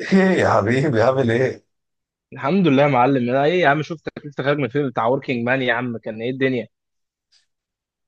ايه. يا حبيبي عامل ايه؟ الحمد لله يا معلم. انا ايه يا عم؟ شفتك لسه خارج من الفيلم بتاع وركينج مان، يا عم كان ايه الدنيا؟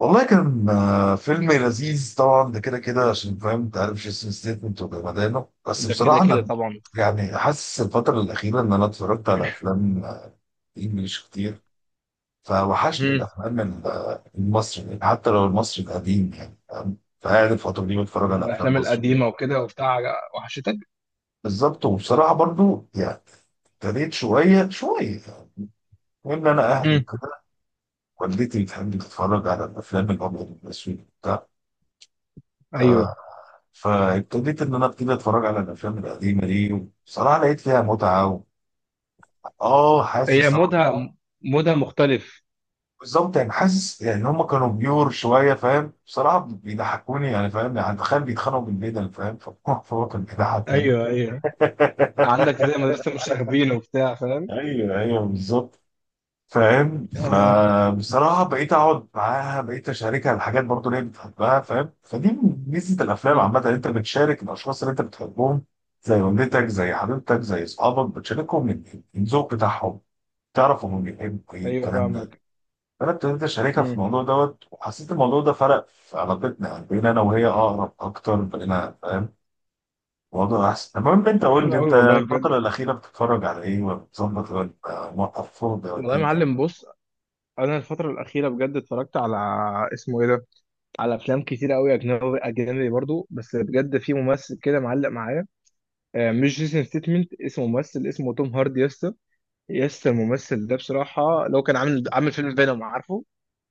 والله كان فيلم لذيذ طبعا، ده كده كده عشان فاهم، انت عارف جيسون ستيتمنت وجمدانه. بس ده كده بصراحه كده انا طبعا. يعني حاسس الفتره الاخيره ان انا اتفرجت على افلام انجليش كتير، فوحشني امم الافلام المصري، يعني حتى لو المصري القديم، يعني فاهم؟ فقاعد الفتره دي بتفرج على افلام الافلام مصر. القديمه وكده وبتاع وحشتك. بالظبط، وبصراحه برضو يعني ابتديت شويه شويه يعني، وان انا اهلي امم كده، والدتي بتحب تتفرج على الافلام الابيض والاسود وبتاع. آه، ايوه. فابتديت ان انا ابتدي اتفرج على الافلام القديمه دي. بصراحه لقيت فيها متعه اه، حاسس هي طبعاً. مودها، مودها مختلف. بالظبط، يعني حاسس يعني ان هم كانوا بيور شويه، فاهم؟ بصراحه بيضحكوني يعني، فاهم؟ يعني تخيل بيتخانقوا بالبدل، فاهم؟ فهو كان بيضحك يعني. ايوه ايوه، عندك زي مدرسه مشاغبين وبتاع، فاهم؟ ايوه ايوه بالظبط. فاهم؟ اه. فبصراحة بقيت أقعد معاها، بقيت أشاركها الحاجات برضو اللي هي بتحبها، فاهم؟ فدي ميزة الأفلام مم. عامة، إن أنت بتشارك الأشخاص اللي أنت بتحبهم، زي والدتك، زي حبيبتك، زي أصحابك، بتشاركهم الذوق بتاعهم، تعرف هم بيحبوا إيه ايوه الكلام ده. فاهمك. فأنا ابتديت أشاركها في مم. الموضوع دوت، وحسيت الموضوع ده فرق في علاقتنا، يعني بقينا أنا وهي أقرب أكتر، بقينا فاهم الموضوع أحسن. المهم، أنت طب قول حلو لي، قوي أنت والله بجد. الفترة الأخيرة بتتفرج على إيه؟ ولا بتظبط ولا موقف فاضي ولا والله يا إيه؟ معلم بص، انا الفتره الاخيره بجد اتفرجت على، اسمه ايه ده، على افلام كتير قوي اجنبي اجنبي برضو، بس بجد في ممثل كده معلق معايا. مش جيسون ستيتمنت، اسمه ممثل اسمه توم هاردي يا اسطى. يا اسطى الممثل ده بصراحة لو كان عامل عامل فيلم فينوم، عارفه؟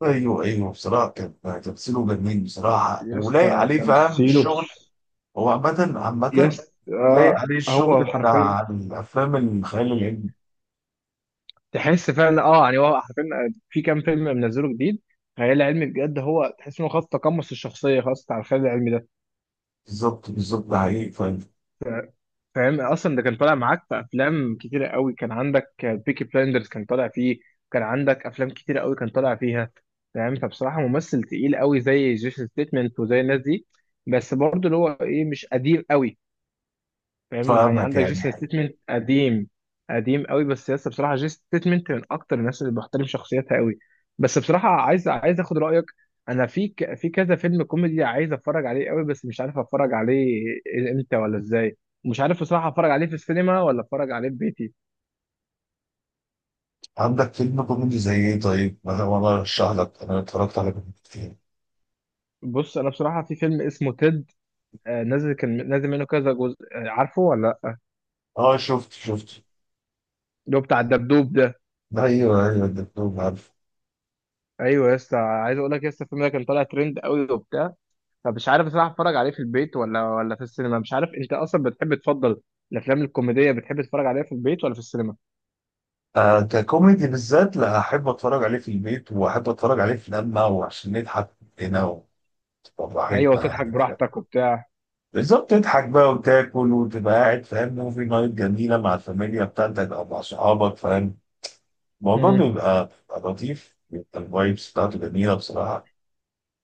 ايوه ايوه بصراحه كان تمثيله جميل بصراحه، يا ولايق اسطى عليه، فاهم تمثيله الشغل. هو عامه يا عامه اسطى لايق عليه الشغل هو حرفيا بتاع الافلام الخيال العلمي. تحس فعلا، اه يعني هو حرفيا، في كام فيلم منزله جديد خيال علمي بجد، هو تحس انه خلاص تقمص الشخصية خلاص بتاع الخيال العلمي ده. بالظبط بالظبط، ده حقيقي فاهم. فاهم؟ اصلا ده كان طالع معاك في افلام كتيره قوي، كان عندك بيكي بلايندرز كان طالع فيه، كان عندك افلام كتيره قوي كان طالع فيها. فاهم؟ فبصراحه ممثل تقيل قوي زي جيسون ستيتمنت وزي الناس دي، بس برضه اللي هو ايه، مش قديم قوي. فاهم يعني؟ فاهمك عندك يعني. جيسون ستيتمنت قديم قديم قوي، بس لسه بصراحه جيسون ستيتمنت من اكتر الناس اللي بحترم شخصيتها قوي. بس بصراحه عايز عايز اخد رايك، انا في ك... في كذا فيلم كوميدي عايز اتفرج عليه قوي، بس مش عارف اتفرج عليه امتى ولا ازاي. مش عارف بصراحه اتفرج عليه في السينما ولا اتفرج عليه في بيتي. عندك فيلم كوميدي زي ايه؟ طيب انا والله ارشح لك، انا اتفرجت على كوميدي كتير. بص انا بصراحه في فيلم اسمه تيد، نازل، كان نازل منه كذا جزء، عارفه ولا لا؟ اه شفت شفت. اللي هو بتاع الدبدوب ده. ايوه ايوه، الدكتور عارف. ايوه يا اسطى، عايز اقول لك يا اسطى الفيلم ده كان طالع ترند قوي وبتاع، فمش عارف بصراحه اتفرج عليه في البيت ولا في السينما. مش عارف انت اصلا بتحب تفضل الافلام الكوميديه بتحب تتفرج عليها في البيت ولا في السينما؟ آه، ككوميدي بالذات لا احب اتفرج عليه في البيت، واحب اتفرج عليه في لما وعشان نضحك هنا وتبقى ايوه براحتنا وتضحك يعني. براحتك وبتاع. بالظبط، تضحك بقى وتاكل وتبقى قاعد، فاهم، موفي نايت جميله مع الفاميليا بتاعتك او مع صحابك، فاهم؟ الموضوع امم. بيبقى لطيف، بيبقى الفايبس بتاعته جميله بصراحه.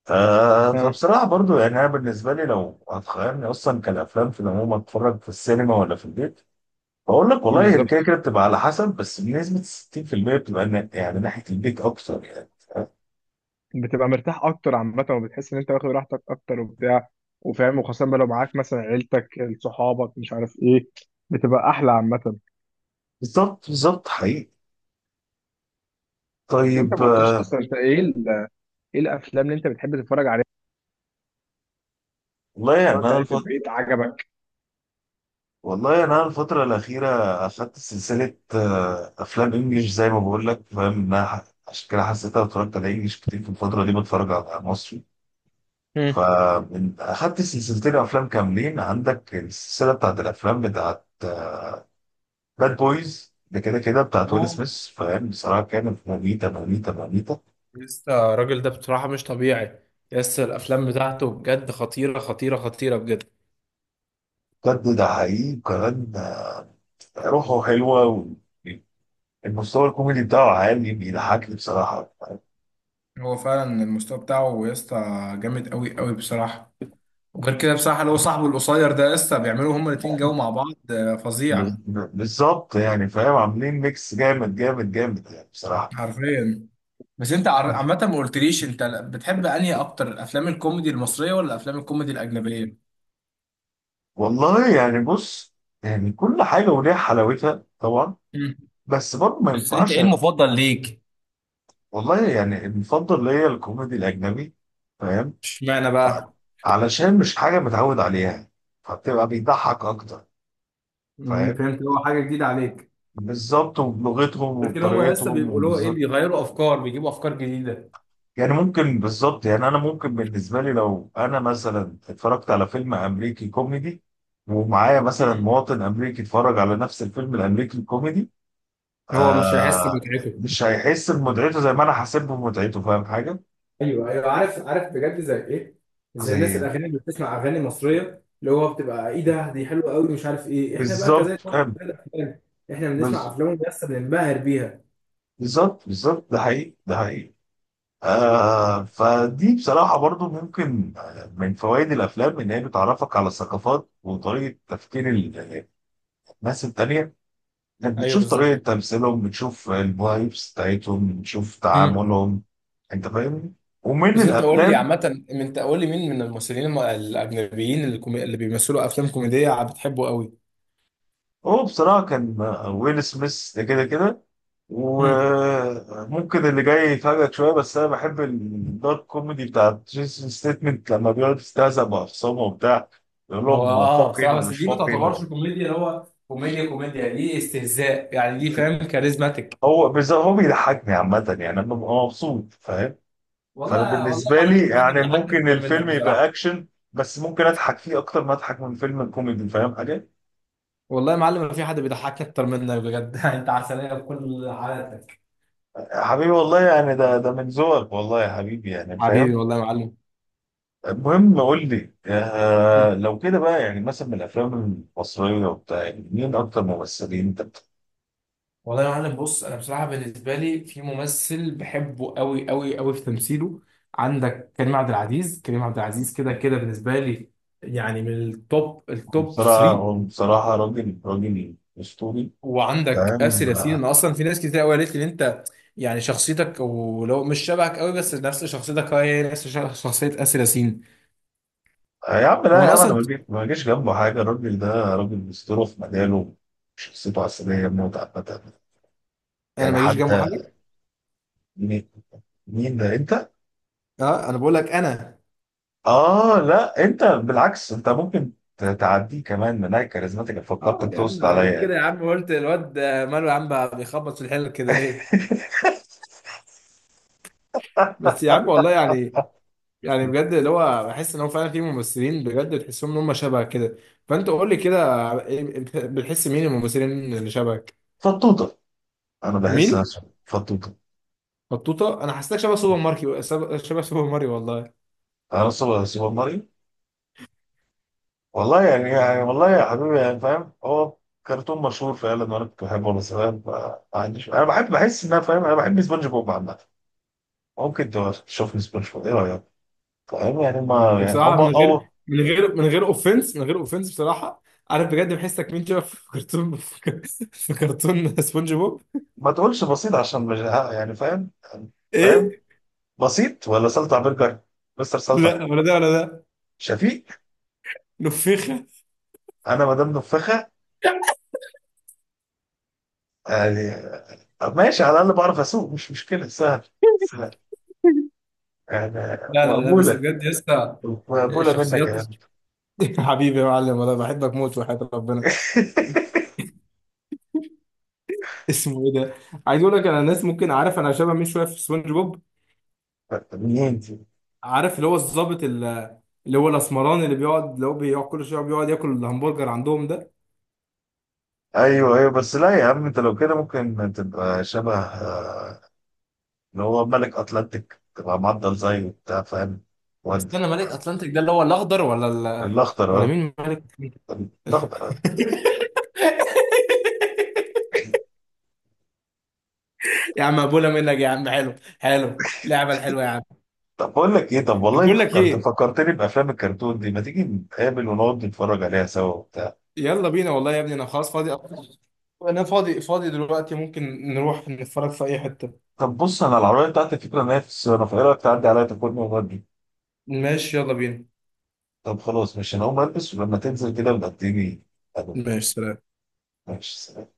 آه، ها. فبصراحه برضو يعني، انا بالنسبه لي لو هتخيرني اصلا كالافلام في العموم، اتفرج في السينما ولا في البيت؟ بقول لك والله، هي كده بالظبط، كده بتبقى على حسب، بس بنسبه 60% بتبقى يعني ناحيه البيت اكتر يعني. بتبقى مرتاح اكتر عامه، وبتحس ان انت واخد راحتك اكتر وبتاع، وفاهم، وخاصه بقى لو معاك مثلا عيلتك، صحابك، مش عارف ايه، بتبقى احلى عامه. بالظبط بالظبط حقيقي. بس انت طيب ما قلتليش اصلا انت ايه ايه الافلام اللي انت بتحب تتفرج عليها، والله يعني اتفرجت انا عليها في الفتره، البيت عجبك؟ والله انا الفتره الاخيره اخدت سلسله افلام انجليش، زي ما بقول لك، فاهم انها عشان كده حسيتها اتفرجت على انجليش كتير في الفتره دي بتفرج على مصري. مم. فمن اخدت سلسلتين افلام كاملين، عندك السلسله بتاعت الافلام بتاعت باد بويز ده كده كده، بتاعت ويل اوه، سميث، فاهم؟ بصراحه كانت مميته مميته مميته. لسه الراجل ده بصراحة مش طبيعي، لسه الأفلام بتاعته بجد خطيرة خطيرة خطيرة بجد. بجد ده حقيقي وكمان روحه حلوه، والمستوى الكوميدي بتاعه عالي، بيضحكني بصراحه. هو فعلا المستوى بتاعه يا اسطى جامد قوي قوي بصراحه. وغير كده بصراحه اللي هو صاحبه القصير ده يا اسطى، بيعملوا هما الاتنين جو مع بعض فظيع. بالظبط يعني، فاهم؟ عاملين ميكس جامد جامد جامد يعني بصراحة. حرفيا. بس انت عامه ما قلتليش انت بتحب انهي اكتر، الافلام الكوميدي المصريه ولا الافلام الكوميدي الاجنبيه؟ والله يعني بص، يعني كل حاجة وليها حلاوتها طبعا، مم. بس برضه ما بس انت ينفعش. ايه المفضل ليك؟ والله يعني المفضل ليا الكوميدي الأجنبي، فاهم؟ اشمعنى بقى؟ علشان مش حاجة متعود عليها، فبتبقى بيضحك أكتر، مم، فاهم؟ فهمت، هو حاجة جديدة عليك. بالظبط، وبلغتهم لكن هما لسه بيبقوا وبطريقتهم، له إيه، بيغيروا أفكار، بيجيبوا أفكار جديدة. يعني ممكن بالظبط يعني، انا ممكن بالنسبه لي لو انا مثلا اتفرجت على فيلم امريكي كوميدي، ومعايا مثلا مم. مواطن امريكي اتفرج على نفس الفيلم الامريكي الكوميدي، هو مش هيحس آه، بمتعته. مش هيحس بمتعته زي ما انا حاسب بمتعته، فاهم حاجه؟ ايوه ايوه عارف عارف بجد، زي ايه، زي زي، الناس الاغاني اللي بتسمع اغاني مصريه، اللي هو بتبقى ايه ده دي حلوه قوي مش عارف ايه، احنا بقى بالظبط كذلك، فاهم. زي الافلام، احنا بنسمع بز- افلام بس بننبهر بيها. بالظبط بالظبط، ده حقيقي ده حقيقي. آه، فدي بصراحه برضو ممكن من فوائد الافلام ان هي بتعرفك على الثقافات وطريقه تفكير الناس التانيه، انت ايوه بتشوف طريقة بالظبط. تمثيلهم، بتشوف الفايبس بتاعتهم، بتشوف مم. تعاملهم، انت فاهمني؟ ومن بس انت قول لي الافلام، عامه، انت قول لي مين من الممثلين الاجنبيين اللي، كومي... اللي بيمثلوا افلام كوميديه بتحبه قوي؟ هو بصراحة كان ويل سميث ده كده كده. مم. وممكن اللي جاي يفاجئك شوية، بس انا بحب الدارك كوميدي بتاع جيسون ستيتمنت، لما بيقعد يستهزأ بأخصامه وبتاع، يقول هو لهم اه فاقين بصراحه، بس ومش دي ما فاقين. تعتبرش كوميديا، اللي هو كوميديا كوميديا، دي استهزاء يعني، دي فاهم كاريزماتيك. هو بيضحكني عامة، يعني انا ببقى مبسوط، فاهم؟ فانا والله والله بالنسبه يا لي معلم في حد يعني بيضحكني ممكن اكتر منك الفيلم يبقى بصراحه. اكشن، بس ممكن اضحك فيه اكتر ما اضحك من فيلم الكوميدي، فاهم حاجه؟ والله يا معلم ما في حد بيضحكني اكتر منك بجد. انت عسليه بكل حالاتك. يا حبيبي والله يعني، ده من ذوقك، والله يا حبيبي يعني حبيبي فاهم. والله يا معلم. المهم قول لي، آه مم. لو كده بقى، يعني مثلا من الافلام المصريه وبتاع، يعني مين اكتر ممثلين انت والله يا معلم بص، انا بصراحه بالنسبه لي في ممثل بحبه قوي قوي قوي في تمثيله، عندك كريم عبد العزيز. كريم عبد العزيز كده كده بالنسبه لي يعني من التوب بتحبهم؟ التوب بصراحه هو 3. بصراحه راجل راجل اسطوري وعندك آسر فاهم. ياسين، انا اصلا في ناس كتير قوي قالت لي ان انت يعني شخصيتك، ولو مش شبهك قوي بس نفس شخصيتك، هي هي نفس شخصيه آسر ياسين. يا عم هو لا يا انا عم، انا اصلا، ما جيش جنبه حاجه الراجل ده. راجل اسطوره في مجاله، شخصيته عسليه موت عامه. انا يعني ما اجيش حد، جنبه حاجه. مين ده انت؟ اه انا بقول لك انا، اه لا، انت بالعكس، انت ممكن تعديه كمان من هاي كاريزماتيك، اه فكرتك يا تقصد عم يعني عليا قول كده يعني. يا عم، قلت الواد ده ماله يا عم بقى بيخبط في الحلل كده ليه؟ بس يا عم والله يعني، يعني بجد اللي هو بحس ان هو فعلا في ممثلين بجد تحسهم ان هم شبه كده. فانت قول لي كده، بتحس مين الممثلين اللي شبهك؟ فطوطه. انا بحس مين؟ نفسي فطوطه. بطوطه؟ انا حسيتك شبه سوبر ماركي، شبه شبه سوبر ماريو والله. انا سوبر سوبر ماريو والله. يعني والله يا حبيبي يعني فاهم، هو كرتون مشهور فعلا وانا كنت بحبه وانا صغير، فما عنديش، انا بحب، بحس ان انا، فاهم، انا بحب سبونج بوب عامه. ممكن تشوفني سبونج بوب، ايه رايك؟ فاهم يعني، ما يعني او بصراحه من او غير من غير من غير اوفنس، من غير اوفنس بصراحه، عارف بجد بحسك مين شبه في كرتون، في كرتون سبونج بوب. ما تقولش بسيط عشان مش يعني فاهم ايه؟ بسيط ولا سلطع برجر؟ مستر سلطع. لا ولا ده ولا ده. شفيق. نفخة. انا ما دام نفخه يعني ماشي، على الاقل بعرف اسوق مش مشكله، سهل سهل يعني. لا لا لا بس مقبوله بجد يا اسطى. مقبوله منك شخصيات. يا عم. حبيبي يا معلم والله بحبك موت وحياة ربنا. اسمه ايه ده، عايز اقول لك، انا الناس ممكن، عارف انا شبه مين شويه في سبونج بوب؟ منين دي؟ عارف اللي هو الظابط اللي هو الاسمراني اللي بيقعد، اللي هو بيقعد كل شويه بيقعد ياكل الهمبرجر عندهم ده. ايوه ايوه، بس لا يا عم، انت لو كده ممكن تبقى شبه اللي هو ملك اتلانتيك، تبقى معضل زيه وبتاع، فاهم؟ ود استنى ملك اتلانتيك ده اللي هو الاخضر ولا ال... الاخضر ولا اه، مين ملك؟ الاخضر آه. يا عم ابولا منك يا عم، حلو حلو اللعبه الحلوه يا عم. طب بقول لك ايه، طب والله بقول لك فكرت، ايه، فكرتني بافلام الكرتون دي، ما تيجي نتقابل ونقعد نتفرج عليها سوا؟ يلا بينا والله يا ابني، انا خلاص فاضي أصلاً. انا فاضي فاضي دلوقتي، ممكن نروح نتفرج في اي حتة. طب بص، انا العربيه بتاعتي فكره ان هي في الصيانه، فايه رايك تعدي عليا تاخدني وتودي؟ ماشي يلا بينا. طب خلاص ماشي، انا هقوم البس ولما تنزل كده بقى اديني. ألو. ماشي سلام. ماشي سلام.